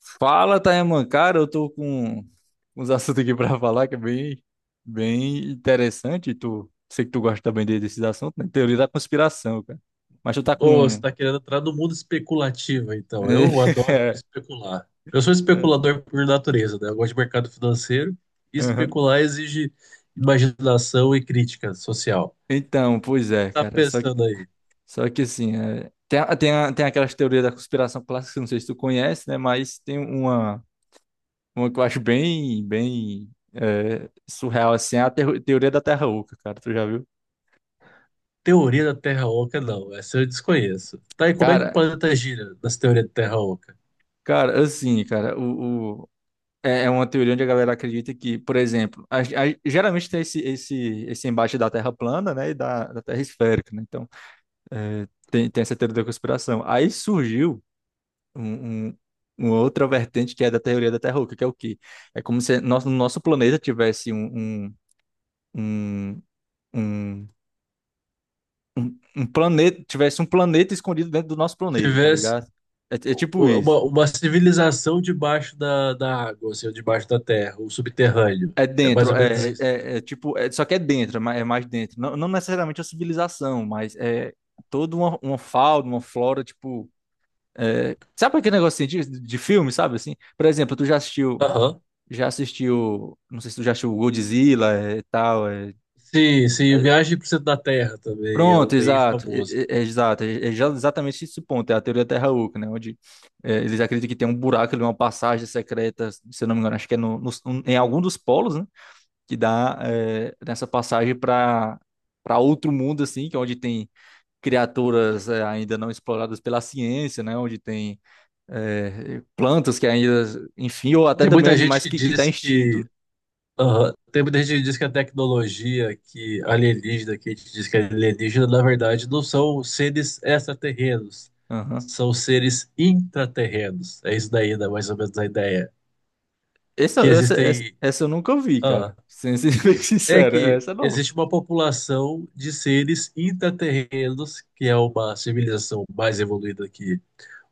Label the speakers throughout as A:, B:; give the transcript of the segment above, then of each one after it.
A: Fala, Taeman. Cara, eu tô com uns assuntos aqui pra falar que é bem interessante. Tu, sei que tu gosta também desses assuntos, né? Teoria da conspiração, cara. Mas tu tá
B: Ô, você
A: com.
B: está querendo entrar no mundo especulativo, então. Eu adoro
A: É,
B: especular. Eu sou
A: é,
B: especulador por natureza, né? Eu gosto de mercado financeiro e
A: aham.
B: especular exige imaginação e crítica social.
A: Então, pois é,
B: Tá
A: cara.
B: pensando aí,
A: Só que assim, tem aquelas teorias da conspiração clássicas, não sei se tu conhece, né? Mas tem uma que eu acho bem surreal, assim, é a teoria da Terra Oca, cara. Tu já viu?
B: teoria da Terra Oca? Não, essa eu desconheço. Tá, e como é que o
A: Cara,
B: planeta gira nas teorias da Terra Oca?
A: cara, assim, cara, o, É é uma teoria onde a galera acredita que, por exemplo, geralmente tem esse embate da Terra plana, né, e da Terra esférica, né? Então, tem essa teoria da conspiração. Aí surgiu um, um- uma outra vertente que é da teoria da Terra Oca, que é o quê? É como se nosso planeta tivesse um, um, um, um, um um planeta, tivesse um planeta escondido dentro do nosso
B: Se
A: planeta, tá
B: tivesse
A: ligado? É, é tipo isso.
B: uma civilização debaixo da água, assim, ou debaixo da terra, o subterrâneo.
A: É
B: É mais
A: dentro,
B: ou menos
A: é, é,
B: isso então.
A: é- é tipo, é- Só que é dentro, é mais dentro. Não necessariamente a civilização, mas é toda uma fauna, uma flora, tipo. É, sabe aquele negocinho de filme, sabe assim? Por exemplo,
B: Aham.
A: já assistiu, não sei se tu já assistiu Godzilla e tal.
B: Sim, sim,
A: Aí eu-
B: Viagem para o Centro da Terra também é um
A: Pronto,
B: bem
A: exato,
B: famoso.
A: e- é, exato, é, é já exatamente esse ponto, é a teoria da Terra Oca, né? Onde eles acreditam que tem um buraco ali, uma passagem secreta, se eu não me engano, acho que é em algum dos polos, né? Que dá nessa passagem para para outro mundo assim, que é onde tem criaturas ainda não exploradas pela ciência, né? Onde tem plantas que ainda, enfim, ou até
B: Tem
A: também
B: muita gente
A: animais
B: que
A: que tá
B: diz
A: extinto.
B: que aham, tem muita gente que diz que a tecnologia que alienígena, que a gente diz que é alienígena, na verdade, não são seres extraterrenos,
A: Aham.
B: são seres intraterrenos. É isso daí, né, mais ou menos a ideia. Que existem,
A: Essa eu nunca vi,
B: ah,
A: cara. Sendo bem
B: é
A: sincero,
B: que
A: essa é nova.
B: existe uma população de seres intraterrenos, que é uma civilização mais evoluída que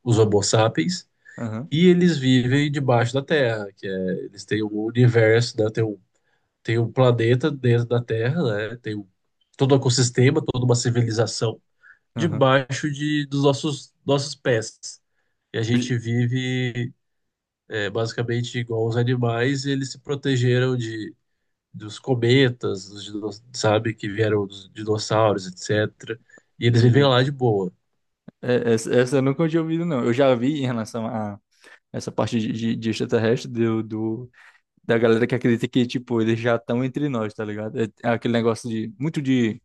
B: os Homo sapiens.
A: Aham,
B: E eles vivem debaixo da Terra, que é, eles têm o universo, né? Tem um planeta dentro da Terra, né? Tem um, todo o ecossistema, toda uma civilização
A: aham.
B: debaixo de, dos nossos pés. E a
A: Eu
B: gente
A: já.
B: vive é, basicamente igual os animais, e eles se protegeram dos cometas, sabe, que vieram dos dinossauros, etc. E eles vivem
A: Entendi.
B: lá de boa.
A: É, essa eu nunca tinha ouvido, não. Eu já vi em relação a essa parte de extraterrestre do da galera que acredita que, tipo, eles já estão entre nós, tá ligado? É, é aquele negócio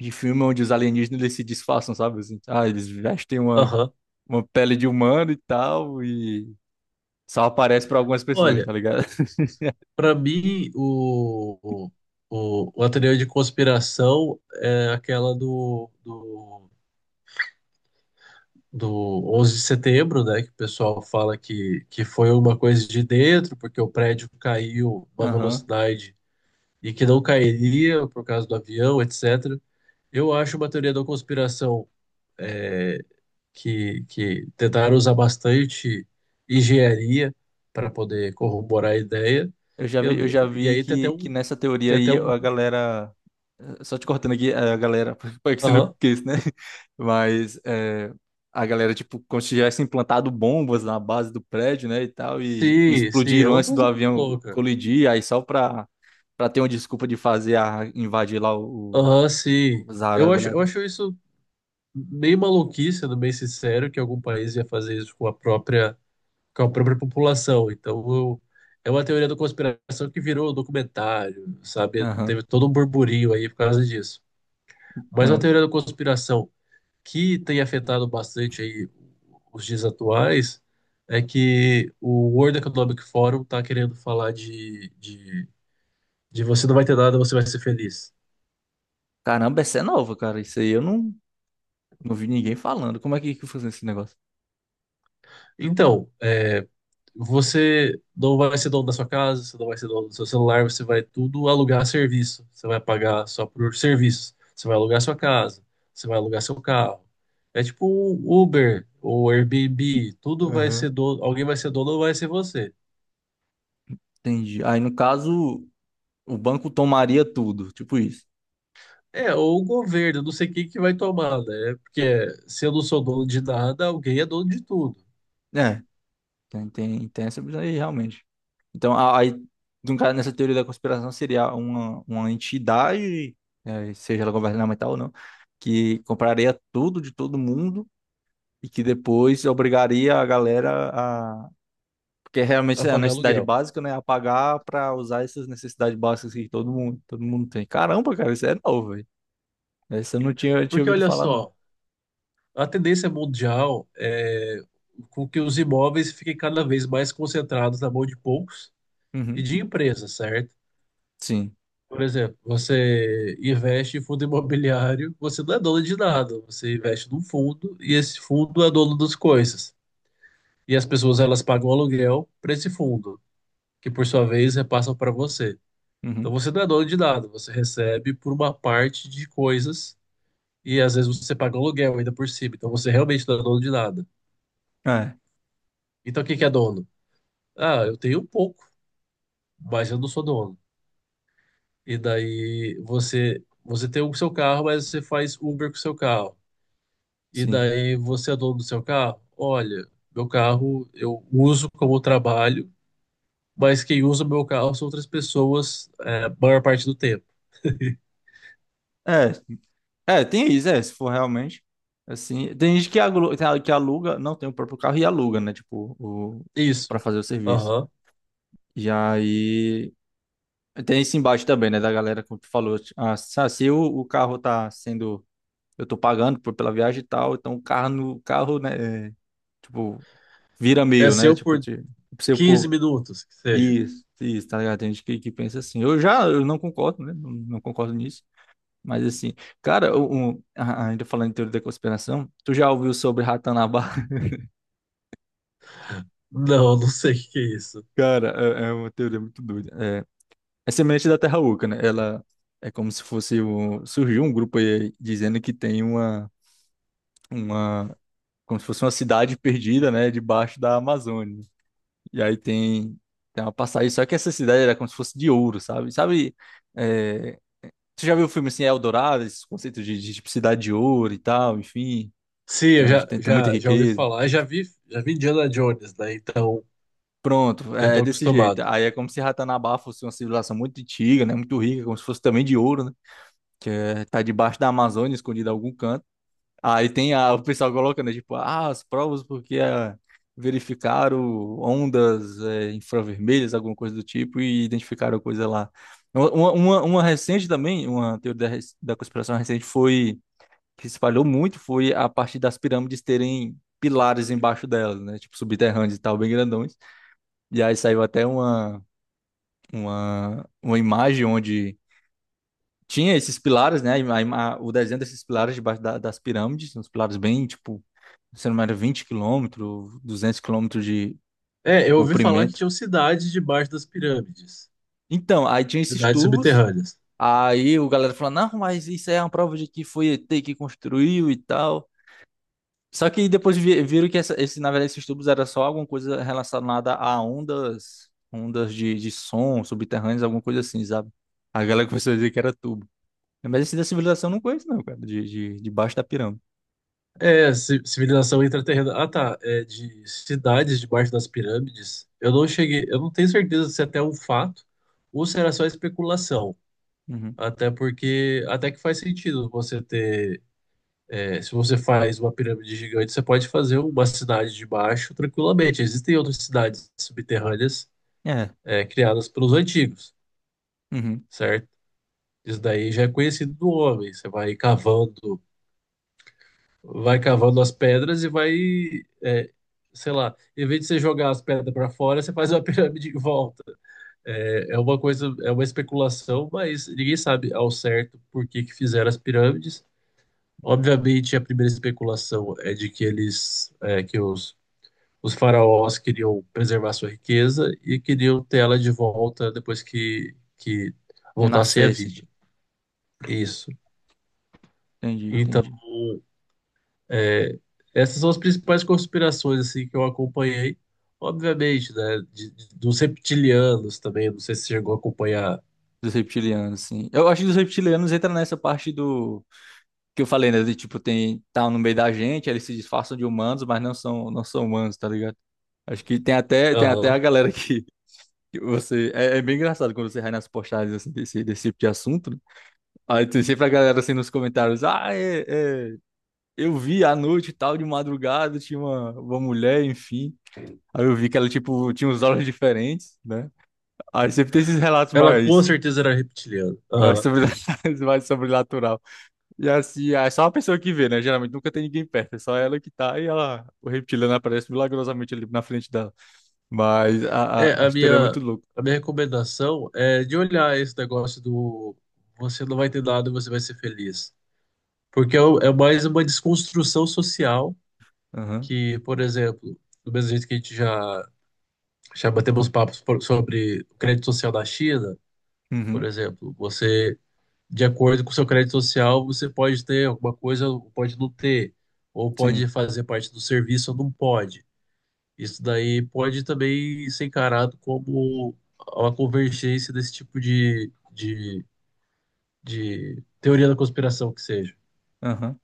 A: de filme onde os alienígenas eles se disfarçam, sabe? Assim, ah, eles vestem
B: Aham.
A: uma pele de humano e tal, e só aparece pra algumas pessoas,
B: Olha,
A: tá ligado?
B: para mim, o a teoria de conspiração é aquela do 11 de setembro, né? Que o pessoal fala que foi uma coisa de dentro, porque o prédio caiu uma
A: Aham.
B: velocidade e que não cairia por causa do avião, etc. Eu acho uma teoria da conspiração é, que tentaram usar bastante engenharia para poder corroborar a ideia. Eu,
A: Eu já
B: e
A: vi
B: aí tem até
A: que
B: um.
A: nessa teoria
B: Tem até
A: aí
B: um.
A: a galera. Só te cortando aqui, a galera, para que você não
B: Aham.
A: esqueça, né? Mas é, a galera, tipo, como se tivesse implantado bombas na base do prédio, né, e tal, e
B: Sim, sim, é
A: explodiram
B: uma
A: antes do
B: coisa muito
A: avião
B: louca.
A: colidir, pra ter uma desculpa de fazer a, invadir lá
B: Aham, sim.
A: os árabes lá.
B: Eu acho isso meio maluquice, sendo bem sincero, que algum país ia fazer isso com a própria população. É uma teoria da conspiração que virou documentário, sabe?
A: Aham.
B: Teve todo um burburinho aí por causa disso. Mas a
A: Então,
B: teoria
A: cara.
B: da conspiração que tem afetado bastante aí os dias atuais é que o World Economic Forum está querendo falar de você não vai ter nada, você vai ser feliz.
A: Caramba, essa é nova, cara. Isso aí eu não, não vi ninguém falando. Como é que funciona esse negócio?
B: Então, é, você não vai ser dono da sua casa, você não vai ser dono do seu celular, você vai tudo alugar serviço. Você vai pagar só por serviços. Você vai alugar sua casa, você vai alugar seu carro. É tipo um Uber ou Airbnb, tudo vai
A: Aham.
B: ser dono, alguém vai ser dono ou vai ser você.
A: Entendi. Aí, no caso, o banco tomaria tudo, tipo isso.
B: É, ou o governo, não sei quem que vai tomar, né? Porque se eu não sou dono de nada, alguém é dono de tudo,
A: É, tem essa visão aí, realmente. Então, aí, no caso, nessa teoria da conspiração, seria uma entidade, seja ela governamental ou não, que compraria tudo de todo mundo e que depois obrigaria a galera a. Porque realmente
B: a
A: é a
B: pagar
A: necessidade
B: aluguel.
A: básica, né? A pagar para usar essas necessidades básicas que todo mundo tem. Caramba, cara, isso é novo, velho. Essa eu não tinha, tinha
B: Porque
A: ouvido
B: olha
A: falar, não.
B: só, a tendência mundial é com que os imóveis fiquem cada vez mais concentrados na mão de poucos e
A: Uhum.
B: de empresas, certo?
A: Sim.
B: Por exemplo, você investe em fundo imobiliário, você não é dono de nada, você investe num fundo e esse fundo é dono das coisas. E as pessoas elas pagam aluguel para esse fundo, que por sua vez repassam para você. Então
A: Uhum.
B: você não é dono de nada, você recebe por uma parte de coisas e às vezes você paga aluguel ainda por cima, então você realmente não é dono de nada.
A: É,
B: Então quem que é dono? Ah, eu tenho um pouco, mas eu não sou dono. E daí você tem o seu carro, mas você faz Uber com o seu carro. E
A: sim.
B: daí você é dono do seu carro? Olha, meu carro eu uso como trabalho, mas quem usa meu carro são outras pessoas, é, a maior parte do tempo.
A: É, É, tem isso, é, se for realmente. Assim, tem gente que aluga, não tem o próprio carro e aluga, né? Tipo, o, pra
B: Isso.
A: fazer o serviço.
B: Aham.
A: E aí. Tem esse embate também, né? Da galera, como tu falou. Tipo, ah, se o carro tá sendo. Eu tô pagando pela viagem e tal, então o carro, no, carro, né? Tipo, vira
B: É
A: meu, né?
B: seu
A: Tipo,
B: por
A: te, se eu
B: 15
A: pôr.
B: minutos, que seja.
A: Isso, tá ligado? Tem gente que pensa assim. Eu já eu não concordo, né? Não concordo nisso. Mas assim, cara, ainda falando em teoria da conspiração, tu já ouviu sobre Ratanabá?
B: Não, não sei o que que é isso.
A: Cara, é uma teoria muito doida. É, é semelhante da Terra Oca, né? Ela é como se fosse o, surgiu um grupo aí dizendo que tem uma, como se fosse uma cidade perdida, né, debaixo da Amazônia. E aí tem uma passagem, só que essa cidade era como se fosse de ouro, sabe? Sabe, é, tu já viu o filme assim, Eldorado, esses conceitos de tipo, cidade de ouro e tal, enfim,
B: Sim,
A: que
B: eu
A: é onde
B: já,
A: tem tem muita
B: já, já ouvi
A: riqueza.
B: falar. Eu já vi Indiana Jones, né? Então
A: Pronto,
B: eu
A: é
B: tô
A: é desse jeito.
B: acostumado.
A: Aí é como se Ratanabá fosse uma civilização muito antiga, né? Muito rica, como se fosse também de ouro, né? Que é, tá debaixo da Amazônia, escondida em algum canto. Aí tem a, o pessoal colocando, né? Tipo, ah, as provas porque verificaram ondas infravermelhas, alguma coisa do tipo, e identificaram coisa lá. Uma recente também, uma teoria da conspiração recente foi, que se espalhou muito, foi a partir das pirâmides terem pilares embaixo delas, né? Tipo, subterrâneos e tal, bem grandões. E aí saiu até uma imagem onde tinha esses pilares, né? O desenho desses pilares das pirâmides, uns pilares bem, tipo, se não me engano, 20 quilômetros, 200 quilômetros de
B: É, eu ouvi falar que
A: comprimento.
B: tinham cidades debaixo das pirâmides,
A: Então, aí tinha esses
B: cidades
A: tubos,
B: subterrâneas.
A: aí o galera falou, não, mas isso aí é uma prova de que foi ET que construiu e tal. Só que depois viram que esse, na verdade esses tubos era só alguma coisa relacionada a ondas, ondas de som subterrâneas, alguma coisa assim, sabe? A galera começou a dizer que era tubo. Mas esse da civilização eu não conheço, não, cara. Debaixo da pirâmide.
B: É, ci- civilização intraterrena. Ah, tá. É de cidades debaixo das pirâmides. Eu não tenho certeza se até é até um fato ou se era só especulação.
A: Uhum.
B: Até porque, até que faz sentido você ter, é, se você faz uma pirâmide gigante, você pode fazer uma cidade debaixo tranquilamente. Existem outras cidades subterrâneas,
A: É.
B: é, criadas pelos antigos,
A: Uhum.
B: certo? Isso daí já é conhecido do homem. Você vai cavando, vai cavando as pedras e vai, é, sei lá, em vez de você jogar as pedras para fora, você faz uma pirâmide em volta. É, é uma coisa, é uma especulação, mas ninguém sabe ao certo por que que fizeram as pirâmides. Obviamente, a primeira especulação é de que eles, é, que os faraós queriam preservar sua riqueza e queriam ter ela de volta depois que voltassem à vida.
A: Renascesse.
B: Isso.
A: Entendi,
B: Então,
A: entendi.
B: é, essas são as principais conspirações assim que eu acompanhei, obviamente, né? Dos reptilianos também, não sei se você chegou a acompanhar.
A: Dos reptilianos, sim. Eu acho que os reptilianos entra nessa parte do. Que eu falei, né? De tipo, tem. Tá no meio da gente, aí eles se disfarçam de humanos, mas não são, não são humanos, tá ligado? Acho que tem até a
B: Aham.
A: galera que. Que você, é, é bem engraçado quando você vai nas postagens assim, desse tipo de assunto. Né? Aí tem sempre a galera assim nos comentários: ah, eu vi à noite e tal, de madrugada, tinha uma mulher, enfim. Aí eu vi que ela, tipo, tinha uns olhos diferentes, né? Aí sempre tem esses relatos
B: Ela com certeza era reptiliana. Aham.
A: sobre, mais sobrenatural. E assim, é só uma pessoa que vê, né? Geralmente nunca tem ninguém perto, é só ela que tá e ela, o reptiliano aparece milagrosamente ali na frente dela. Mas
B: É,
A: a história é muito louca.
B: a minha recomendação é de olhar esse negócio do você não vai ter nada, você vai ser feliz. Porque é, o- é mais uma desconstrução social
A: Aham,
B: que, por exemplo, do mesmo jeito que a gente já batemos papos por- sobre o crédito social da China, por
A: uhum,
B: exemplo, você de acordo com o seu crédito social, você pode ter alguma coisa, ou pode não ter, ou pode
A: sim,
B: fazer parte do serviço ou não pode. Isso daí pode também ser encarado como uma convergência desse tipo de teoria da conspiração que seja.
A: aham.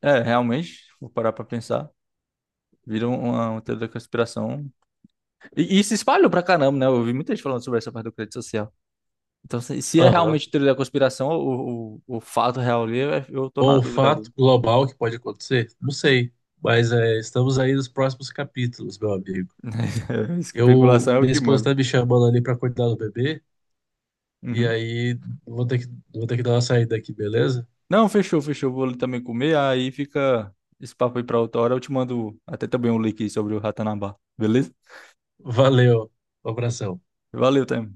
A: É, realmente, vou parar pra pensar. Vira uma teoria da conspiração. E se espalhou pra caramba, né? Eu ouvi muita gente falando sobre essa parte do crédito social. Então, se é
B: Aham.
A: realmente teoria da conspiração, o fato real ali, eu tô na
B: Ou o
A: dúvida agora.
B: fato global que pode acontecer? Não sei. Mas é, estamos aí nos próximos capítulos, meu amigo. Eu,
A: Especulação é o
B: minha
A: que
B: esposa
A: manda.
B: tá me chamando ali para cuidar do bebê, e
A: Uhum.
B: aí vou ter que, vou ter que dar uma saída aqui, beleza?
A: Não, fechou, fechou. Vou ali também comer, aí fica esse papo aí pra outra hora. Eu te mando até também um link sobre o Ratanabá, beleza?
B: Valeu, um abração.
A: Valeu, Temo.